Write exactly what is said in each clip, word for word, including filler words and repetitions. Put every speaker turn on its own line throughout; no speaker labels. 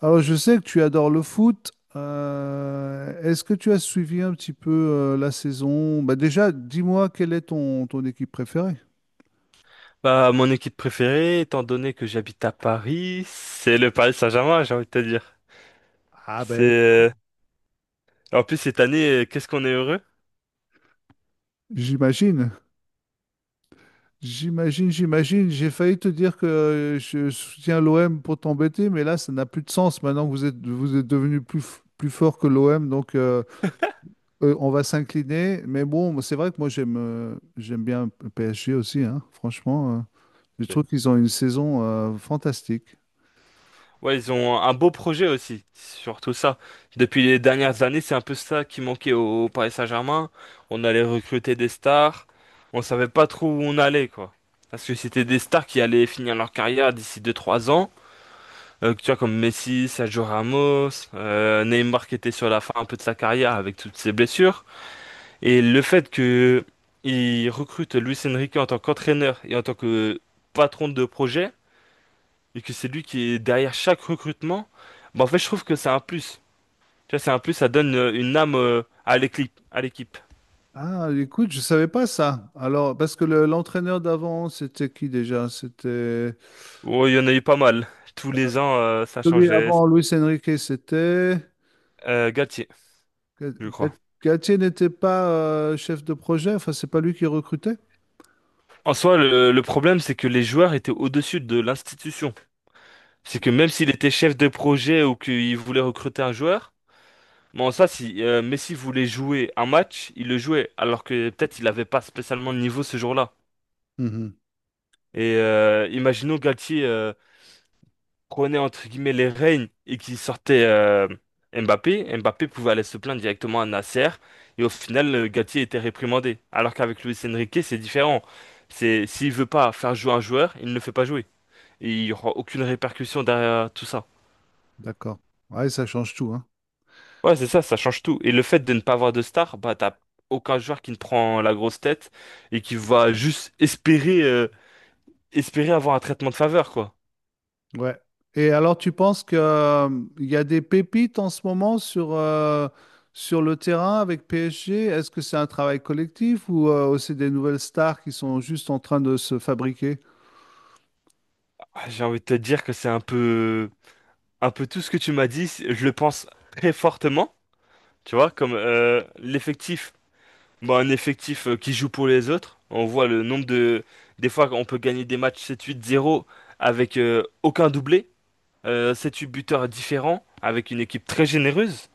Alors, je sais que tu adores le foot. Euh, est-ce que tu as suivi un petit peu euh, la saison? Bah déjà, dis-moi quelle est ton, ton équipe préférée?
Bah, mon équipe préférée, étant donné que j'habite à Paris, c'est le Paris Saint-Germain, j'ai envie de te dire.
Ah
C'est
ben,
euh, En plus cette année, euh, qu'est-ce qu'on est heureux.
j'imagine, j'imagine, j'imagine. J'ai failli te dire que euh, je soutiens l'O M pour t'embêter, mais là, ça n'a plus de sens maintenant que vous êtes, vous êtes devenu plus, f- plus fort que l'O M. Donc, euh, euh, on va s'incliner. Mais bon, c'est vrai que moi, j'aime euh, j'aime bien le P S G aussi, hein, franchement. euh. Je
Ok.
trouve qu'ils ont une saison euh, fantastique.
Ouais, ils ont un beau projet aussi, surtout ça. Depuis les dernières années, c'est un peu ça qui manquait au, au Paris Saint-Germain. On allait recruter des stars, on savait pas trop où on allait quoi. Parce que c'était des stars qui allaient finir leur carrière d'ici deux trois ans. Euh, tu vois, comme Messi, Sergio Ramos, euh, Neymar qui était sur la fin un peu de sa carrière avec toutes ses blessures. Et le fait que il recrute Luis Enrique en tant qu'entraîneur et en tant que patron de projet, et que c'est lui qui est derrière chaque recrutement, bah en fait je trouve que c'est un plus. Tu vois, c'est un plus, ça donne euh, une âme euh, à l'équipe, à l'équipe.
Ah, écoute, je savais pas ça. Alors, parce que le- l'entraîneur d'avant, c'était qui déjà? C'était
Oh, il y en a eu pas mal. Tous les ans, euh, ça
celui
changeait.
avant Luis Enrique, c'était
Euh, Galtier,
Ga-
je
Ga-
crois.
Galtier n'était pas euh, chef de projet. Enfin, c'est pas lui qui recrutait.
En soi, le, le problème, c'est que les joueurs étaient au-dessus de l'institution. C'est que même s'il était chef de projet ou qu'il voulait recruter un joueur. Bon, ça, si euh, Messi voulait jouer un match, il le jouait, alors que peut-être il n'avait pas spécialement le niveau ce jour-là.
Mhm.
Et euh, imaginons Galtier, euh, prenait entre guillemets les rênes et qu'il sortait euh, Mbappé. Mbappé pouvait aller se plaindre directement à Nasser et au final, euh, Galtier était réprimandé. Alors qu'avec Luis Enrique, c'est différent. C'est s'il veut pas faire jouer un joueur, il ne le fait pas jouer. Et il n'y aura aucune répercussion derrière tout ça.
D'accord. Ouais, ça change tout, hein.
Ouais, c'est ça, ça change tout. Et le fait de ne pas avoir de star, bah t'as aucun joueur qui ne prend la grosse tête et qui va juste espérer euh, espérer avoir un traitement de faveur, quoi.
Ouais. Et alors, tu penses que euh, il y a des pépites en ce moment sur euh, sur le terrain avec P S G? Est-ce que c'est un travail collectif ou euh, aussi des nouvelles stars qui sont juste en train de se fabriquer?
Ah, j'ai envie de te dire que c'est un peu un peu tout ce que tu m'as dit, c'est- je le pense très fortement, tu vois, comme euh, l'effectif, bah un effectif euh, qui joue pour les autres. On voit le nombre de des fois on peut gagner des matchs sept huit zéro avec euh, aucun doublé, euh, sept huit buteurs différents avec une équipe très généreuse.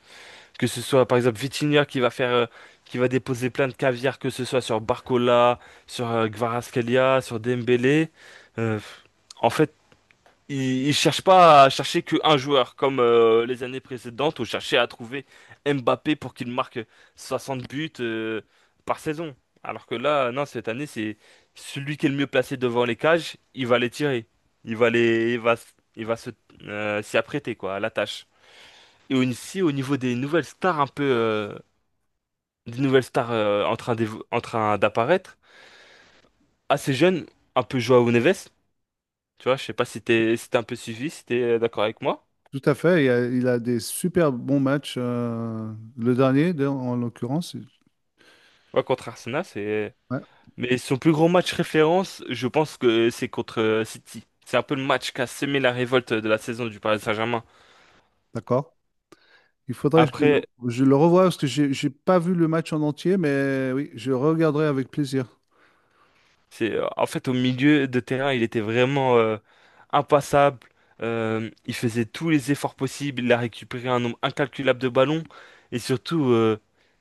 Que ce soit par exemple Vitinha qui va faire, euh, qui va déposer plein de caviar, que ce soit sur Barcola, sur euh, Kvaratskhelia, sur Dembélé. Euh, En fait, ils, ils cherchent pas à chercher qu'un joueur comme euh, les années précédentes où cherchait à trouver Mbappé pour qu'il marque soixante buts euh, par saison. Alors que là, non, cette année, c'est celui qui est le mieux placé devant les cages, il va les tirer. Il va les, il va, s- il va se, euh, s'y apprêter quoi, à la tâche. Et aussi au niveau des nouvelles stars un peu euh, des nouvelles stars euh, en train d'évo- en train d'apparaître, assez jeunes, un peu Joao Neves, tu vois, je sais pas si t'es si t'as un peu suivi, si t'es euh, d'accord avec moi.
Tout à fait, il a, il a des super bons matchs. Euh, le dernier, d'ailleurs, en l'occurrence. il-
Ouais, contre Arsenal, c'est
Ouais,
mais son plus gros match référence, je pense que c'est contre euh, City. C'est un peu le match qui a semé la révolte de la saison du Paris Saint-Germain.
d'accord. Il faudrait que je le,
Après,
je le revoie parce que j'ai j'ai pas vu le match en entier, mais oui, je regarderai avec plaisir.
C'est, euh, en fait, au milieu de terrain, il était vraiment euh, impassable. Euh, il faisait tous les efforts possibles. Il a récupéré un nombre incalculable de ballons. Et surtout, euh,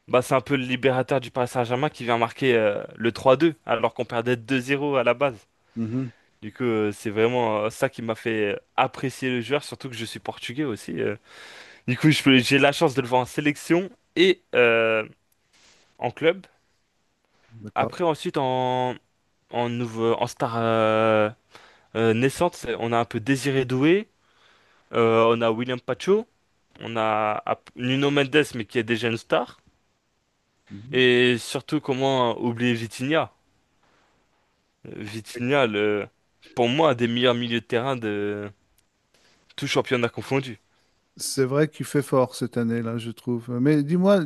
bah, c'est un peu le libérateur du Paris Saint-Germain qui vient marquer euh, le trois deux, alors qu'on perdait deux zéro à la base.
Mhm.
Du coup, euh, c'est vraiment euh, ça qui m'a fait euh, apprécier le joueur, surtout que je suis portugais aussi. euh. Du coup, je peux- j'ai la chance de le voir en sélection et euh, en club.
D'accord.
Après, ensuite, en, en, nouveau, en star. euh, Euh, Naissante, c'est- on a un peu Désiré Doué, euh, on a William Pacho, on a Ap- Nuno Mendes, mais qui est déjà une star.
Mhm.
Et surtout, comment oublier Vitinha? Euh, Vitinha, le, pour moi, un des meilleurs milieux de terrain de tout championnat confondu.
C'est vrai qu'il fait fort cette année-là, je trouve. Mais dis-moi,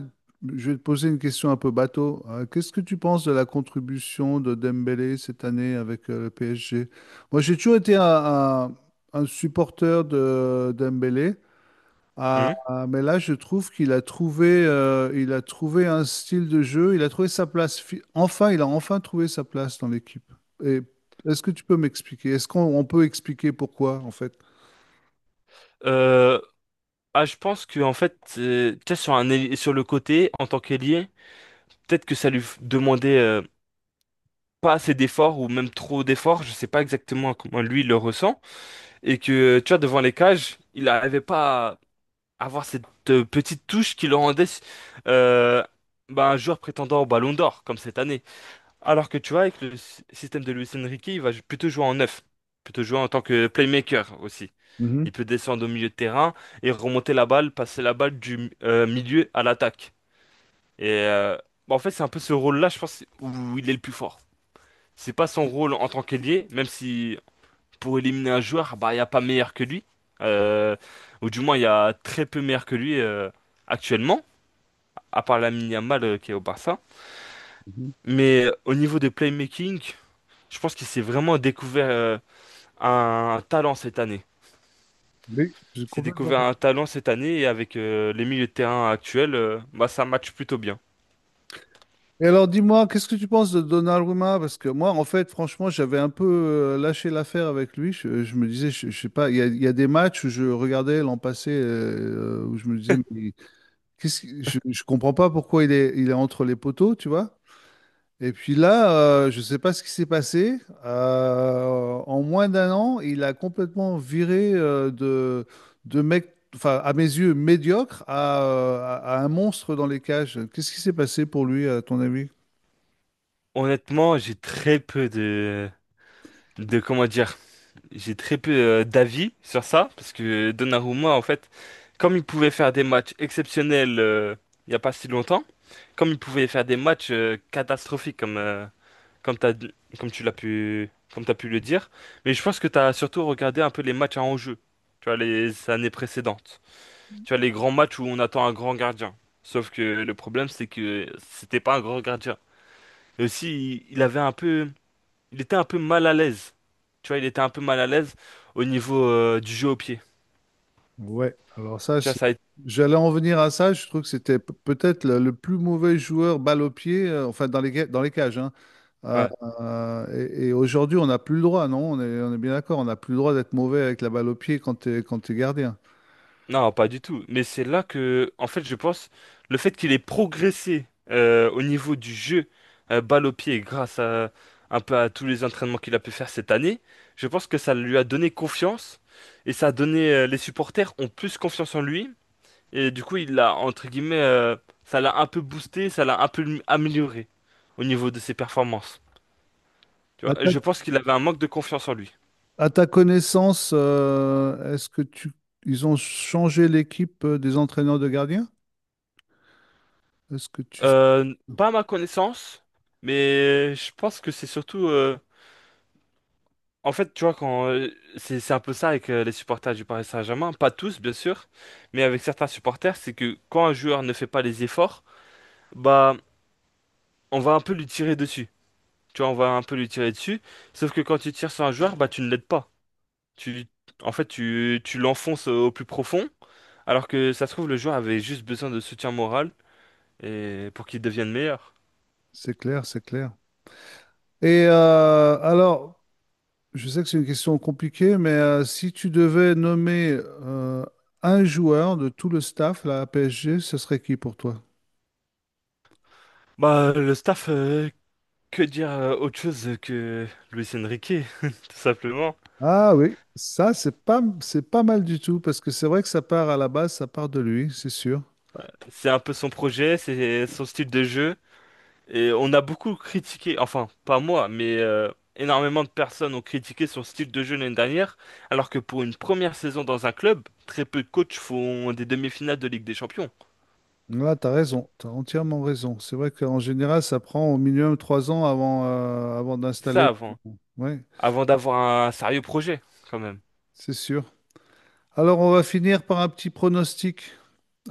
je vais te poser une question un peu bateau. Euh, Qu'est-ce que tu penses de la contribution de Dembélé cette année avec euh, le P S G? Moi, j'ai toujours été un, un- un supporter de Dembélé. Ah,
Mhm.
ah, mais là, je trouve qu'il a trouvé, euh, il a trouvé un style de jeu, il a trouvé sa place. fi- Enfin, il a enfin trouvé sa place dans l'équipe. Et est-ce que tu peux m'expliquer? Est-ce qu'on on peut expliquer pourquoi, en fait?
Euh, ah, je pense que en fait, euh, tu sais, sur un, ailier- sur le côté, en tant qu'ailier, peut-être que ça lui f- demandait euh, pas assez d'efforts ou même trop d'efforts. Je sais pas exactement comment lui il le ressent. Et que, tu vois, devant les cages, il n'arrivait pas avoir cette euh, petite touche qui le rendait euh, bah, un joueur prétendant au Ballon d'Or, comme cette année. Alors que tu vois, avec le sy- système de Luis Enrique, il va plutôt jouer en neuf, plutôt jouer en tant que playmaker aussi.
Mhm,
Il peut descendre au milieu de terrain et remonter la balle, passer la balle du euh, milieu à l'attaque. Et euh, Bah, en fait, c'est un peu ce rôle-là, je pense, où il est le plus fort. C'est pas son rôle en tant qu'ailier, même si pour éliminer un joueur, bah, il n'y a pas meilleur que lui. Euh, ou du moins, il y a très peu meilleur que lui euh, actuellement, à part Lamine Yamal euh, qui est au Barça.
mhm.
Mais euh, au niveau de playmaking, je pense qu'il s'est vraiment découvert euh, un talent cette année.
Oui, j'ai
Il s'est
complètement
découvert
d'accord.
un talent cette année et avec euh, les milieux de terrain actuels, euh, bah, ça match plutôt bien.
Et alors, dis-moi, qu'est-ce que tu penses de Donnarumma? Parce que moi, en fait, franchement, j'avais un peu euh, lâché l'affaire avec lui. Je, je me disais, je, je sais pas, il y a, il y a des matchs où je regardais l'an passé, euh, où je me disais, mais qu'est-ce qui- je, je comprends pas pourquoi il est, il est entre les poteaux, tu vois? Et puis là, euh, je ne sais pas ce qui s'est passé. Euh, en moins d'un an, il a complètement viré euh, de, de mec, enfin, à mes yeux, médiocre à, euh, à- à un monstre dans les cages. Qu'est-ce qui s'est passé pour lui, à ton avis?
Honnêtement, j'ai très peu de, de comment dire, j'ai très peu euh, d'avis sur ça, parce que Donnarumma, en fait, comme il pouvait faire des matchs exceptionnels euh, il n'y a pas si longtemps, comme il pouvait faire des matchs euh, catastrophiques comme, euh, comme, t'as, comme tu l'as pu, comme t'as pu le dire, mais je pense que tu as surtout regardé un peu les matchs à enjeu, tu vois, les années précédentes, tu vois, les grands matchs où on attend un grand gardien. Sauf que le problème, c'est que c'était pas un grand gardien. Et aussi, il il avait un peu il était un peu mal à l'aise. Tu vois, il était un peu mal à l'aise au niveau euh, du jeu au pied.
Ouais, alors ça,
Tu vois,
je-
ça a été...
j'allais en venir à ça. Je trouve que c'était p- peut-être le, le plus mauvais joueur balle au pied, euh, enfin, dans les, ga- dans les cages, hein. Euh,
Ouais.
euh, et et aujourd'hui, on n'a plus le droit, non? On est, on est bien d'accord, on n'a plus le droit d'être mauvais avec la balle au pied quand tu es, quand t'es gardien.
Non, pas du tout. Mais c'est là que, en fait, je pense, le fait qu'il ait progressé euh, au niveau du jeu euh, balle au pied grâce à un peu à tous les entraînements qu'il a pu faire cette année, je pense que ça lui a donné confiance et ça a donné euh, les supporters ont plus confiance en lui et du coup, il l'a entre guillemets, euh, ça l'a un peu boosté, ça l'a un peu amélioré au niveau de ses performances. Tu vois, je pense qu'il avait un manque de confiance en lui.
À ta connaissance, euh, est-ce que tu ils ont changé l'équipe euh, des entraîneurs de gardiens? Est-ce que tu
Euh, pas à ma connaissance, mais je pense que c'est surtout. euh, En fait, tu vois, quand euh, c'est c'est un peu ça avec euh, les supporters du Paris Saint-Germain, pas tous bien sûr, mais avec certains supporters, c'est que quand un joueur ne fait pas les efforts, bah on va un peu lui tirer dessus. Tu vois, on va un peu lui tirer dessus. Sauf que quand tu tires sur un joueur, bah tu ne l'aides pas. Tu, En fait, tu, tu l'enfonces au plus profond, alors que ça se trouve le joueur avait juste besoin de soutien moral et pour qu'il devienne meilleur.
c'est clair, c'est clair. Et euh, alors, je sais que c'est une question compliquée, mais euh, si tu devais nommer euh, un joueur de tout le staff là, à P S G, ce serait qui pour toi?
Bah, le staff, euh, que dire euh, autre chose que Luis Enrique, tout simplement.
Ah oui, ça c'est pas c'est pas mal du tout parce que c'est vrai que ça part à la base, ça part de lui, c'est sûr.
C'est un peu son projet, c'est son style de jeu. Et on a beaucoup critiqué, enfin, pas moi, mais euh, énormément de personnes ont critiqué son style de jeu l'année dernière, alors que pour une première saison dans un club, très peu de coachs font des demi-finales de Ligue des Champions.
Là, t'as raison, t'as entièrement raison. C'est vrai qu'en général, ça prend au minimum trois ans avant, euh, avant
Ça
d'installer.
avant,
Ouais,
avant d'avoir un sérieux projet, quand même.
c'est sûr. Alors, on va finir par un petit pronostic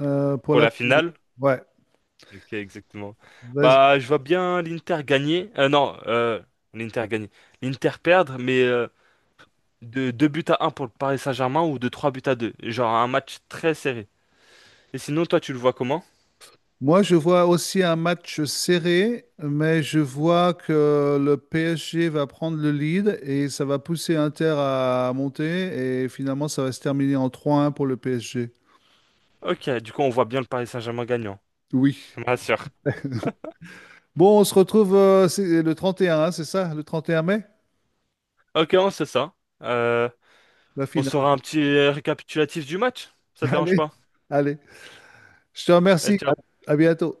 euh, pour
Pour
la.
la finale.
Ouais,
Ok, exactement.
vas-y.
Bah, je vois bien l'Inter gagner. Euh, non, euh, l'Inter gagner. L'Inter perdre, mais euh, de deux buts à un pour le Paris Saint-Germain ou de trois buts à deux. Genre un match très serré. Et sinon, toi, tu le vois comment?
Moi, je vois aussi un match serré, mais je vois que le P S G va prendre le lead et ça va pousser Inter à monter et finalement ça va se terminer en trois un pour le P S G.
Ok, du coup, on voit bien le Paris Saint-Germain gagnant.
Oui.
Ça me rassure.
Bon, on se retrouve euh, c'est le trente et un, hein, c'est ça, le trente et un mai,
Ok, on sait ça. Euh,
la
on
finale.
saura un petit récapitulatif du match. Ça te dérange
Allez,
pas?
allez. Je te remercie. À
Et
à bientôt.